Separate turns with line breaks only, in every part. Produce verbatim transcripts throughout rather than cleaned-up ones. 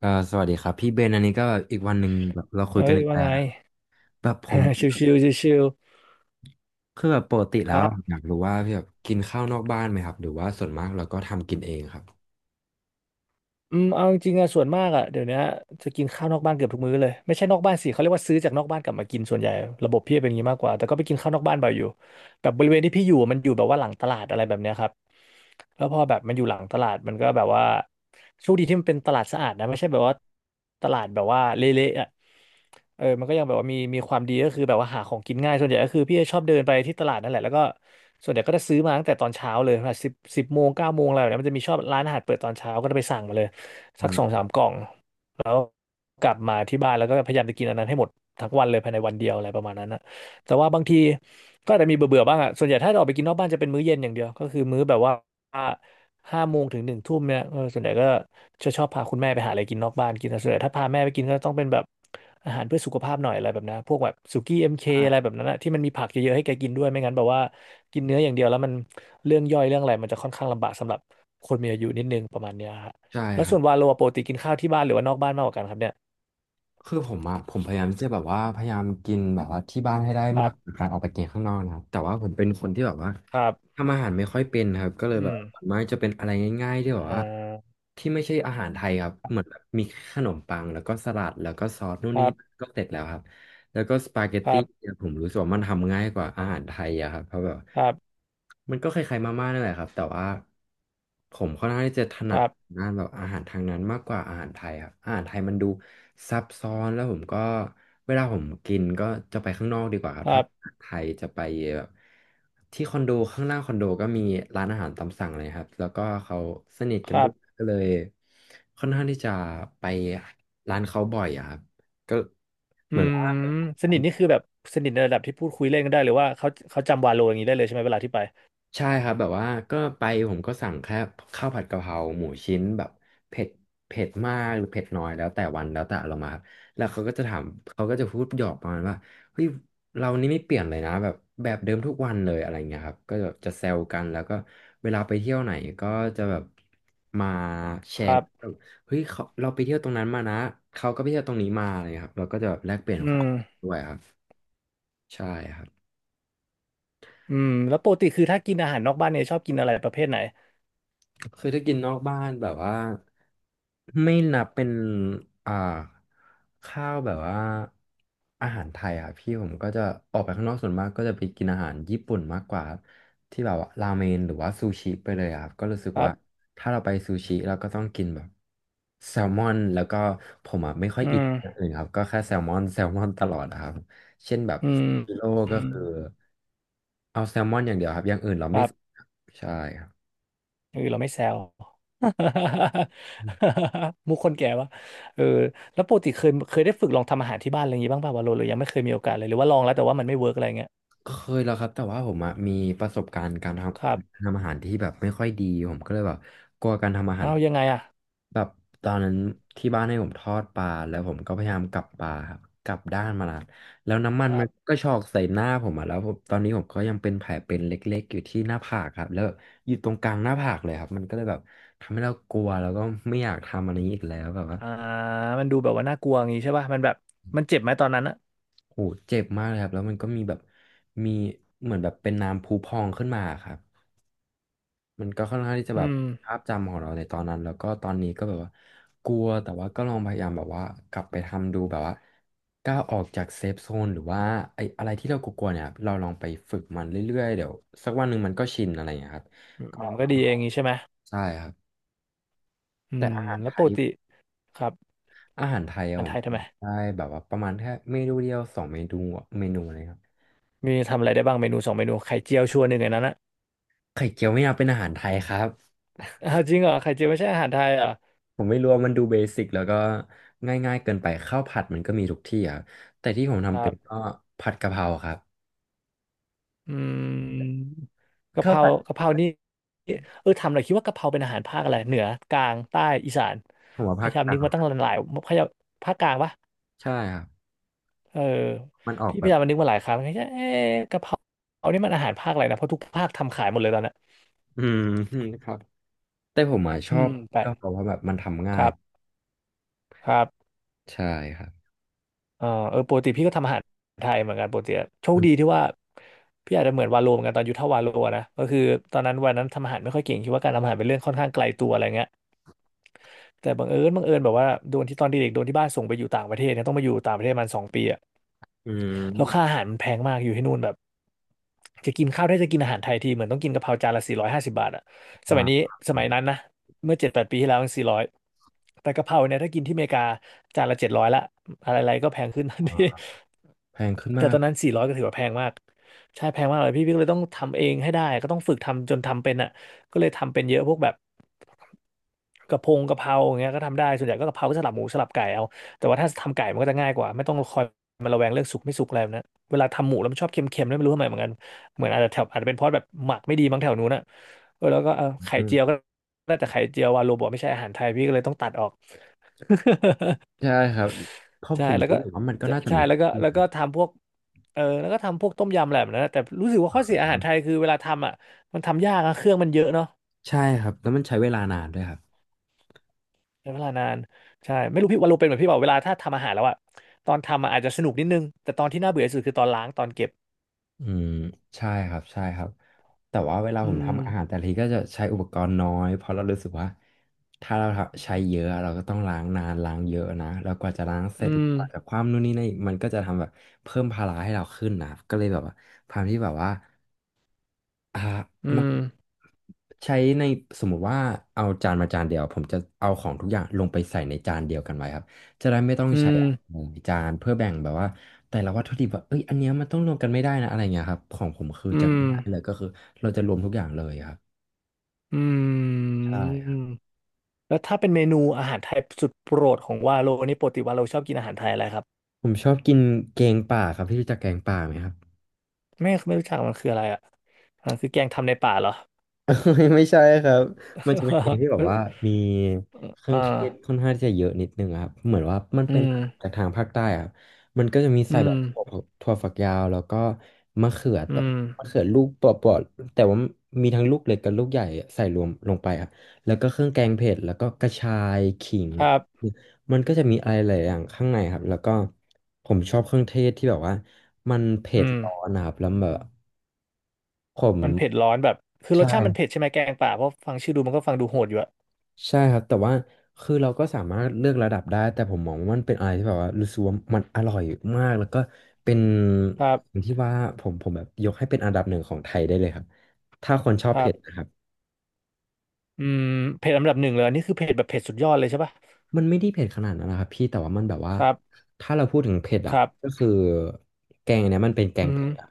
ก็สวัสดีครับพี่เบนอันนี้ก็อีกวันหนึ่งแบบเราคุย
เอ้
กัน
ย
อีก
ว่า
แล้ว
ไง
นะแบบผม
ชิวๆชิว
คือแบบปกติ
ๆค
แล้
รั
ว
บ
อยากรู้ว่าพี่แบบกินข้าวนอกบ้านไหมครับหรือว่าส่วนมากเราก็ทำกินเองครับ
อืมเอาจริงๆอะส่วนมากอะเดี๋ยวเนี้ยจะกินข้าวนอกบ้านเกือบทุกมื้อเลยไม่ใช่นอกบ้านสิเขาเรียกว่าซื้อจากนอกบ้านกลับมากินส่วนใหญ่ระบบพี่เป็นอย่างนี้มากกว่าแต่ก็ไปกินข้าวนอกบ้านบ่อยอยู่แบบบริเวณที่พี่อยู่มันอยู่แบบว่าหลังตลาดอะไรแบบเนี้ยครับแล้วพอแบบมันอยู่หลังตลาดมันก็แบบว่าโชคดีที่มันเป็นตลาดสะอาดนะไม่ใช่แบบว่าตลาดแบบว่าเละๆอะเออมันก็ยังแบบว่ามีมีความดีก็คือแบบว่าหาของกินง่ายส่วนใหญ่ก็คือพี่จะชอบเดินไปที่ตลาดนั่นแหละแล้วก็ส่วนใหญ่ก็จะซื้อมาตั้งแต่ตอนเช้าเลยแบบสิบสิบโมงเก้าโมงอะไรแบบเนี้ยมันจะมีชอบร้านอาหารเปิดตอนเช้าก็จะไปสั่งมาเลย
อื
สักสอง
ม
สามกล่องแล้วกลับมาที่บ้านแล้วก็พยายามจะกินอันนั้นให้หมดทั้งวันเลยภายในวันเดียวอะไรประมาณนั้นนะแต่ว่าบางทีก็อาจจะมีเบื่อๆบ้างอ่ะส่วนใหญ่ถ้าเราออกไปกินนอกบ้านจะเป็นมื้อเย็นอย่างเดียวก็คือมื้อแบบว่าห้าโมงถึงหนึ่งทุ่มเนี่ยเออส่วนใหญ่ก็จะชอบพาคุณแม่ไปหาอะไรกินนอกบ้านกินนะส่วนใหญ่ถ้าพาแม่ไปกินก็ต้องเป็นแบบอาหารเพื่อสุขภาพหน่อยอะไรแบบนั้นพวกแบบสุกี้เอ็มเคอะไรแบบนั้นนะที่มันมีผักเยอะๆให้แกกินด้วยไม่งั้นแบบว่ากินเนื้ออย่างเดียวแล้วมันเรื่องย่อยเรื่องอะไรมันจะค่อนข้างลำบากสำหรับคนมีอายุนิดนึงประมาณเนี้ยฮะ
ใช่
แล้ว
ครั
ส่
บ
วนวาโลปกติกินข้าวที่บ้านหรือว่านอกบ้านมากกว่ากันครับเนี่ย
คือผมอะผมพยายามที่จะแบบว่าพยายามกินแบบว่าที่บ้านให้ได้
ครั
มากก
บ
ว่าการออกไปกินข้างนอกนะครับแต่ว่าผมเป็นคนที่แบบว่า
ครับ
ทำอาหารไม่ค่อยเป็นครับก็เลย
อื
แบบ
ม
ส่วนมากจะเป็นอะไรง่ายๆที่แบบ
อ่
ว่า
า
ที่ไม่ใช่อาหารไทยครับเหมือนแบบมีขนมปังแล้วก็สลัดแล้วก็ซอสนู่น
ค
นี่
รับ
ก็เสร็จแล้วครับ แล้วก็สปาเกต
ค
ตี้
รับ
เนี่ยผมรู้สึกว่ามันทำง่ายกว่าอาหารไทยอะครับเพราะแบบ
ครับ
มันก็คล้ายๆมาม่านั่นแหละครับแต่ว่าผมค่อนข้างที่จะถ
ค
นัด
รับ
งานแบบอาหารทางนั้นมากกว่าอาหารไทยครับอาหารไทยมันดูซับซ้อนแล้วผมก็เวลาผมกินก็จะไปข้างนอกดีกว่าครับ
ครั
ถ้าอา
บ
หารไทยจะไปแบบที่คอนโดข้างล่างคอนโดก็มีร้านอาหารตามสั่งเลยครับแล้วก็เขาสนิท
ค
กัน
รั
ด้ว
บ
ยก็เลยค่อนข้างที่จะไปร้านเขาบ่อยอะครับก็
อื
เหมือน
ม
ว่า
สนิทนี่คือแบบสนิทในระดับที่พูดคุยเล่นกันได้หรือว่าเขาเขาจำวาโลอย่างนี้ได้เลยใช่ไหมเวลาที่ไป
ใช่ครับแบบว่าก็ไปผมก็สั่งแค่ข้าวผัดกะเพราหมูชิ้นแบบเผ็ดเผ็ดมากหรือเผ็ดน้อยแล้วแต่วันแล้วแต่เรารมาครับแล้วเขาก็จะถามเขาก็จะพูดหยอกประมาณว่าเฮ้ยเรานี่ไม่เปลี่ยนเลยนะแบบแบบเดิมทุกวันเลยอะไรเงี้ยครับก็แบบจะแซวกันแล้วก็เวลาไปเที่ยวไหนก็จะแบบมาแช
ค
ร์
รับ
แบบเฮ้ยเขาเราไปเที่ยวตรงนั้นมานะเขาก็ไปเที่ยวตรงนี้มาอะไรเงี้ยครับเราก็จะแบบแลกเปลี่ยน
อื
ครับ
ม
ด้วยครับใช่ครับ
อืมแล้วปกติคือถ้ากินอาหารนอกบ้านเนี่ยชอบกินอะไรประเภทไหน
เคยได้กินนอกบ้านแบบว่า ไม่นับเป็นอ่าข้าวแบบว่าอาหารไทยอ่ะพี่ผมก็จะออกไปข้างนอกส่วนมากก็จะไปกินอาหารญี่ปุ่นมากกว่าครับที่แบบว่าราเมนหรือว่าซูชิไปเลยอะครับก็รู้สึก
ครั
ว่า
บ
ถ้าเราไปซูชิเราก็ต้องกินแบบแซลมอนแล้วก็ผมอ่ะไม่ค่อย
อื
อิน
ม
อย่างอื่นครับก็แค่แซลมอน แซลมอนตลอดอะครับเช่นแบบ
อืม
กิโล
อื
ก็
ม
คือเอาเดี๋ยวครับอย่างอื่นเรา
ค
ไม่
รับ
ใช่ครับ
เออเราไม่แซว มุกคนแก่วะเออแล้วปกติเคยเคยได้ฝึกลองทำอาหารที่บ้านอะไรอย่างงี้บ้างป่ะวะโลหรือยังไม่เคยมีโอกาสเลยหรือว่าลองแล้วแต่ว่ามันไม่เวิร์กอะไรเงี้ย
เคยแล้วครับแต่ว่าผมอะมีประสบการณ์การ
ค
ทำ
รั
กา
บ
รทำอาหารที่แบบไม่ค่อยดีผมก็เลยแบบกลัวการทำอาหาร
อ้าวยังไงอ่ะ
แบบตอนนั้นที่บ้านให้ผมทอดปลาแล้วผมก็พยายามกลับปลาครับกลับด้านมาแล้วแล้วน้ำมั
ค
น
รั
มัน
บ
ก็ชอกใส่หน้าผมอะแล้วผมตอนนี้ผมก็ยังเป็นแผลเป็นเล็กๆอยู่ที่หน้าผากครับแล้วอยู่ตรงกลางหน้าผากเลยครับมันก็เลยแบบทำให้เรากลัวแล้วก็ไม่อยากทำอันนี้อีกแล้วแบบว่า
อ่ามันดูแบบว่าน่ากลัวอย่างงี้ใช่ป่ะมันแบบมันเจ็บไหมตอนนั้นอะ
โหเจ็บมากเลยครับแล้วมันก็มีแบบมีเหมือนแบบเป็นน้ำพุพองขึ้นมาครับ มันก็ค่อนข้างที่จะแบ
อื
บ
ม
ภาพจำของเราในตอนนั้นแล้วก็ตอนนี้ก็แบบว่ากลัวแต่ว่าก็ลองพยายามแบบว่ากลับไปทำดูแบบว่าก้าวออกจากเซฟโซนหรือว่าไอ้อะไรที่เรากลัวๆเนี่ยเราลองไปฝึกมันเรื่อยๆเดี๋ยวสักวันหนึ่งมันก็ชินอะไรอย่างเงี้ยครับ
มัน
ก็
มันก็
ก็
ดีเองงี้ใช่ไหม
ใช่ครับ
อื
แต่
ม
อาหาร
แล้
ไท
วป
ย
กติครับ
อาหารไทยอะ
อันไทย
ผ
ทำ
ม
ไม
ทำได้แบบว่าประมาณแค่เมนูเดียวสองเมนูเมนูอะไรครับ
มีทำอะไรได้บ้างเมนูสองเมนูไข่เจียวชวนหนึ่งในนั้นอะ
ไข่เจียวไม่เอาเป็นอาหารไทยครับ
อ้าวจริงเหรอไข่เจียวไม่ใช่อาหารไทยเหรอ
ผมไม่รู้ว่ามันดูเบสิกแล้วก็ง่ายๆเกินไปข้าวผัดมันก็มีทุกที่อ่ะแต่ที่ผมทำเป็นก็
่
ผัดกะเพราครับ
อืมกะเพ
ข้าว
รา
ผัด
กะเพรานี่เออทำหน่อยคิดว่ากะเพราเป็นอาหารภาคอะไรเหนือกลางใต้อีสาน
ผมว่า
พ
ภาค
ยายาม
ก
นึ
ลา
กมา
ง
ตั้งหลายพยายามภาคกลางปะ
ใช่ครับ
เออ
มันออก
พี่
แบ
พยา
บ
ยามมานึกมาหลายครั้งเอ๊ะกะเพราเอานี่มันอาหารภาคอะไรนะเพราะทุกภาคทำขายหมดเลยตอนเนี้ย
อืม ครับแต่ผมอ่ะช
อื
อบ
มไป
กะเพราว่าะแบบมันทำง่า
ค
ย
รับครับ
ใช่ครับ
เออเออปกติพี่ก็ทำอาหารไทยเหมือนกันปกติอะโช
อื
คดีที่
ม
ว่าพี่อาจจะเหมือนวาโลเหมือนกันตอนยุทธวาโลนะก็คือตอนนั้นวันนั้นทำอาหารไม่ค่อยเก่งคิดว่าการทำอาหารเป็นเรื่องค่อนข้างไกลตัวอะไรเงี้ย แต่บังเอิญบังเอิญแบบว่าโดนที่ตอนเด็กๆโดนที่บ้านส่งไปอยู่ต่างประเทศเนี่ยต้องมาอยู่ต่างประเทศมันสองปีอะ
อื
แล้วค่า
ม
อาหารมันแพงมากอยู่ที่นู่นแบบจะกินข้าวได้จะกินอาหารไทยทีเหมือนต้องกินกะเพราจานละสี่ร้อยห้าสิบบาทอะส
อ่
มัยนี้
า
สมัยนั้นนะเมื่อเจ็ดแปดปีที่แล้วสี่ร้อยแต่กะเพราเนี่ยถ้ากินที่อเมริกาจานละเจ็ดร้อยละอะไรๆก็แพงขึ้นทันที
แพงขึ้น
แต่
มา
ตอ
ก
นนั้นสี่ร้อยก็ถือว่าแพงมากใช่แพงมากเลยพี่พี่ก็เลยต้องทำเองให้ได้ก็ต้องฝึกทำจนทำเป็นอะ ก็เลยทำเป็นเยอะพวกแบบกะเพงกะเพราอย่างเงี้ยก็ทำได้ส่วนใหญ่ก็กะเพราก็สลับหมูสลับไก่เอาแต่ว่าถ้าทำไก่มันก็จะง่ายกว่าไม่ต้องคอยมาระแวงเรื่องสุกไม่สุกอะไรแบบนะเวลาทำหมูแล้วมันชอบเค็มๆแล้วยไม่รู้ทำไมเหมือนกันเหมือนอาจจะแถวอาจจะเป็นเพราะแบบหมักไม่ดีมั้งแถวนู้นอะเออแล้วก็เออไข่
อื
เจี
ม
ยวก็ได้แต่ไข่เจียววาโลบอกไม่ใช่อาหารไทยพี่ก็เลยต้องตัดออก
ใช่ครับเพราะ ผ
ใช่
ม
แล้ว
รู้
ก็
สึกว่ามันก็
จะ
น่าจะ
ใช่
มีทุ
แล้ว
ก
ก็
ที่
แล้ว
นะ
ก็ทำพวกเออแล้วก็ทำพวกต้มยำอะไรแบบนั้นนะแต่รู้สึกว่าข้อเสียอาหารไทยคือเวลาทำอ่ะมันทำยากอะเครื่องมันเยอะเนาะ
ใช่ครับแล้วมันใช้เวลานานด้วยครับ
ใช้เวลานานใช่ไม่รู้พี่วาโลเป็นเหมือนพี่เปล่าเวลาถ้าทำอาหารแล้วอะตอนทำอะอาจจะสนุกนิดนึงแต่ตอนที่น่าเบื่อที่สุดคือตอนล้างตอนเก็บ
อืมใช่ครับใช่ครับแต่ว่าเวลา
อื
ผมทำอาหารแต่
ม
ละทีก็จะใช้อุปกรณ์น้อยเพราะเรารู้สึกว่าถ้าเราใช้เยอะเราก็ต้องล้างนานล้างเยอะนะแล้วกว่าจะล้างเส
อื
ร็จ
ม
กว่าจะคว่ำนู่นนี่นั่นอีกมันก็จะทำแบบเพิ่มภาระให้เราขึ้นนะครับก็เลยแบบว่าความที่แบบว่า อ่า
อื
มัก
ม
ใช้ในสมมุติว่าเอาจานมาจานเดียวผมจะเอาของทุกอย่างลงไปใส่ในจานเดียวกันไว้ครับจะได้ไม่ต้อง
อื
ใช้
ม
หลายจานเพื่อแบ่งแบบว่าแต่ละวัตถุดิบว่าเอ้ยอันเนี้ยมันต้องรวมกันไม่ได้นะอะไรเงี้ยครับของผมคือ
อื
จะ
ม
ง่ายเลยก็คือเราจะรวมทุกอย่างเลยครับ
อืม
ใช่ครับ
แล้วถ้าเป็นเมนูอาหารไทยสุดโปรดของวาโลนี่ปกติวาโลชอบกินอาหารไทยอะไรครับ
ผมชอบกินแกงป่าครับพี่รู้จักแกงป่าไหมครับ
ไม่ไม่รู้จักมันคืออะไรอะอ่าคือแกงทำในป่าเหรอ
เอ้ยไม่ใช่ครับมันจะเป็นเพลง ที่แบ
เอ
บ
อ
ว่ามีเครื่อง
อ่า
เทศค่อนข้างที่จะเยอะนิดนึงอะครับเหมือนว่ามัน
อื
เป็น
ม
จากทางภาคใต้อะครับมันก็จะมี
อื
ใส่แบ
ม
บถั่วถั่วฝักยาวแล้วก็มะเขือ
อื
แต่มะ
ม
เขือลูกเปราะๆแต่ว่ามีทั้งลูกเล็กกับลูกใหญ่ใส่รวมลงไปครับแล้วก็เครื่องแกงเผ็ดแล้วก็กระชายขิง
ครับ
มันก็จะมีอะไรหลายอย่างข้างในครับแล้วก็ผมชอบเครื่องเทศที่แบบว่ามันเผ็
อื
ดร้อน
ม
นะครับแล้วแบบผม
มันเผ็ดร้อนแบบคือ
ใ
รสชาติมันเผ็
ช่
ดใช่ไหมแกงป่าเพราะฟังชื่อดูมันก็ฟังดูโหดอยู่อะ
ใช่ครับแต่ว่าคือเราก็สามารถเลือกระดับได้แต่ผมมองว่ามันเป็นอะไรที่แบบว่ารู้สึกว่ามันอร่อยมากแล้วก็เป็น
ครับ
อย่างที่ว่าผมผมแบบยกให้เป็นอันดับหนึ่งของไทยได้เลยครับถ้าคนชอบ
ครั
เผ็ดนะค
บ
รับ
อืมเผ็ดอันดับหนึ่งเลยอันนี่คือเผ็ดแบบเผ็ดสุดยอดเลยใช่ปะ
มันไม่ได้เผ็ดขนาดนั้นนะครับพี่แต่ว่ามันแบบว่า
ครับ
ถ้าเราพูดถึงเผ็ด
ค
อ่ะ
รั
ก็
บ
คือแกงเนี้ยมันเป็นแก
อื
ง
ม
เผ็ดอ่ะ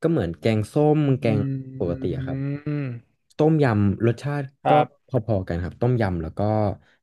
ก็เหมือนแกงส้มแก
อื
งปกติ
ม
อะครับต้มยำรสชาติ
ค
ก็
รั
พ
บ
อๆกันครับต้มยำแล้วก็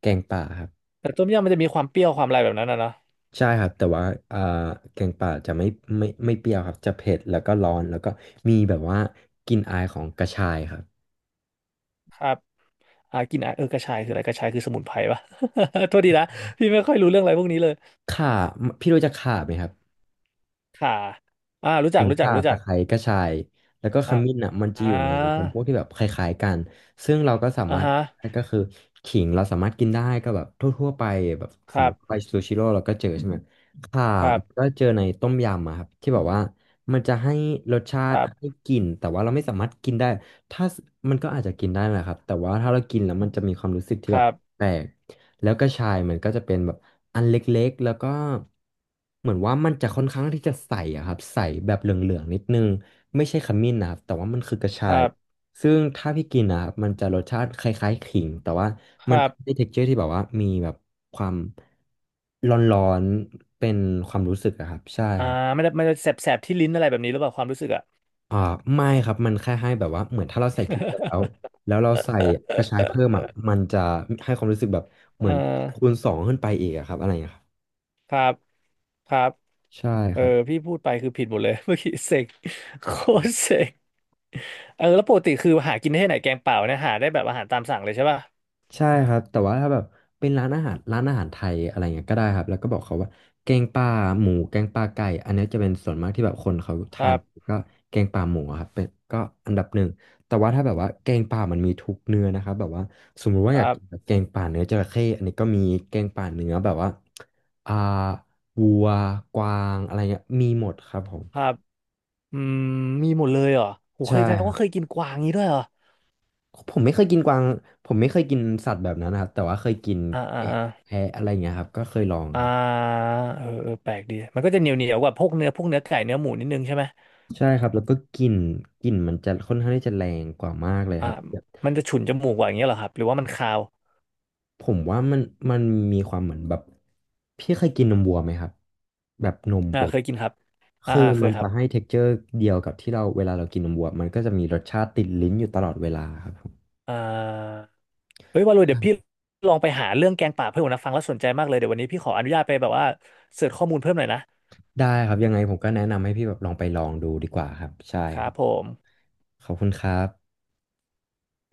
แกงป่าครับ
แต่ต้มยำมันจะมีความเปรี้ยวความอะไรแบบนั้นนะเนาะ
ใช่ครับแต่ว่าอ่าแกงป่าจะไม่ไม่ไม่เปรี้ยวครับจะเผ็ดแล้วก็ร้อนแล้วก็มีแบบว่ากลิ่นอายของกระชายครับ
ครับอ่ากินอ่ะเออกระชายคืออะไรกระชายคือสมุนไพรปะ โทษทีนะพี่ไม่ค่อยรู้เรื่องอะไรพวกนี้เลย
ข่าพี่รู้จักข่าไหมครับ
ค่ะอ่ารู้จั
ขิ
ก
ง
รู้จัก
ข่า
รู้จั
ตะ
ก
ไคร้กระชายแล้วก็ข
อ่า
มิ้นอ่ะมันจะ
อ่
อยู่ในจำ
า
พวกที่แบบคล้ายๆกันซึ่งเราก็สา
อ่า
มารถ
ฮะ
ก็คือขิงเราสามารถกินได้ก็แบบทั่วๆไปแบบ
ค
สม
รั
ม
บ
ติไปซูชิโร่เราก็เจอใช่ไหมข่า
ครั
ก็
บ
เจอในต้มยำอะครับที่แบบว่ามันจะให้รสชา
ค
ติ
รั
ให้
บ
กลิ่นแต่ว่าเราไม่สามารถกินได้ถ้ามันก็อาจจะกินได้แหละครับแต่ว่าถ้าเรากินแล้วมันจะมีความรู้สึกที่
ค
แบบ
รับ
แปลก แล้วกระชายมันก็จะเป็นแบบอันเล็กๆแล้วก็เหมือนว่ามันจะค่อนข้างที่จะใสอะครับใสแบบเหลืองๆนิดนึงไม่ใช่ขมิ้นนะครับแต่ว่ามันคือกระชา
ครั
ย
บ
ซึ่งถ้าพี่กินนะครับมันจะรสชาติคล้ายๆขิงแต่ว่า
ค
มัน
รั
จะ
บ
ได้ texture ที่แบบว่ามีแบบความร้อนๆเป็นความรู้สึกอะครับใช่
อ่า
ครับ
มันจะมันจะแสบแสบที่ลิ้นอะไรแบบนี้หรือเปล่าความรู้สึกอ่ะ
อ่าไม่ครับมันแค่ให้แบบว่าเหมือนถ้าเราใส่พริกไปแล้วแล้วเราใส่กระชายเพิ่มอ่ะมันจะให้ความรู้สึกแบบเห
เอ
มื
อ
อนคูณสองขึ้นไปอีกอะครับอะไรอย่างเงี้ยครับ
ครับครับ
ใช่
เอ
ค
อ
รับ
พี่พูดไปคือผิดหมดเลย เมื่อกี้เสก โคตรเสกเออแล้วปกติคือหากินได้ที่ไหนแกงเปล่าเนี่ยหาได้แบบอาหารตามสั่งเลยใช่ป่ะ
ใช่ครับแต่ว่าถ้าแบบเป็นร้านอาหารร้านอาหารไทยอะไรเงี้ยก็ได้ครับแล้วก็บอกเขาว่าแกงป่าหมูแกงป่าไก่อันเนี้ยจะเป็นส่วนมากที่แบบคนเขา
ค
ทา
รั
น
บ
ก็แกงป่าหมูอะครับเป็นก็อันดับหนึ่งแต่ว่าถ้าแบบว่าแกงป่ามันมีทุกเนื้อนะครับแบบว่าสมมุติว่า
ค
อ
รั
ยากกินแบ
บ
บแกงป่าเนื้อจระเข้อันนี้ก็มีแกงป่าเนื้อแบบว่าอ่าวัวกวางอะไรเงี้ยมีหมดครับผม
ครับอืมมีหมดเลยเหรอโหเค
ใช่
ยแสดง
ครั
ว่า
บ
เคยกินกวางนี้ด้วยเหรอ
ผมไม่เคยกินกวางผมไม่เคยกินสัตว์แบบนั้นนะครับแต่ว่าเคยกิน
อ่าอ่า
แกะ
อ่า
แพะอะไรอย่างเงี้ยครับก็เคยลองค
อ่า
รับ
เออเออแปลกดีมันก็จะเหนียวเหนียวกว่าพวกเนื้อพวกเนื้อไก่เนื้อหมูนิดนึงใช่ไหม
ใช่ครับแล้วก็กลิ่นกลิ่นมันจะค่อนข้างที่จะแรงกว่ามากเลย
อ่า
ครับแบบ
มันจะฉุนจมูกกว่าอย่างเงี้ยเหรอครับหรือว่ามันคาว
ผมว่ามันมันมีความเหมือนแบบพี่เคยกินนมวัวไหมครับแบบนม
อ่า
ปก
เคยกินครับอ่า
คือ
อ่าเค
มั
ย
น
ครั
จะ
บ
ให้ texture เจอร์เดียวกับที่เราเวลาเรากินนมวัวมันก็จะมีรสชาติติดลิ้นอยู่ตลอดเวลาครับผม
อ่า เฮ้ยว่าเลยเดี๋ยว
ค
พี่ลองไปหาเรื่องแกงป่าเพื่อนผมนะฟังแล้วสนใจมากเลยเดี๋ยววันนี้พี่ขออนุญาตไปแบบว่าเสิร์ชข้อมูลเพิ่มหน่อยนะ
ได้ครับยังไงผมก็แนะนำให้พี่แบบลองไปลองดูดีกว่าครับใช่
ค
ค
รั
รั
บ
บ
ผม
ขอบคุณครับ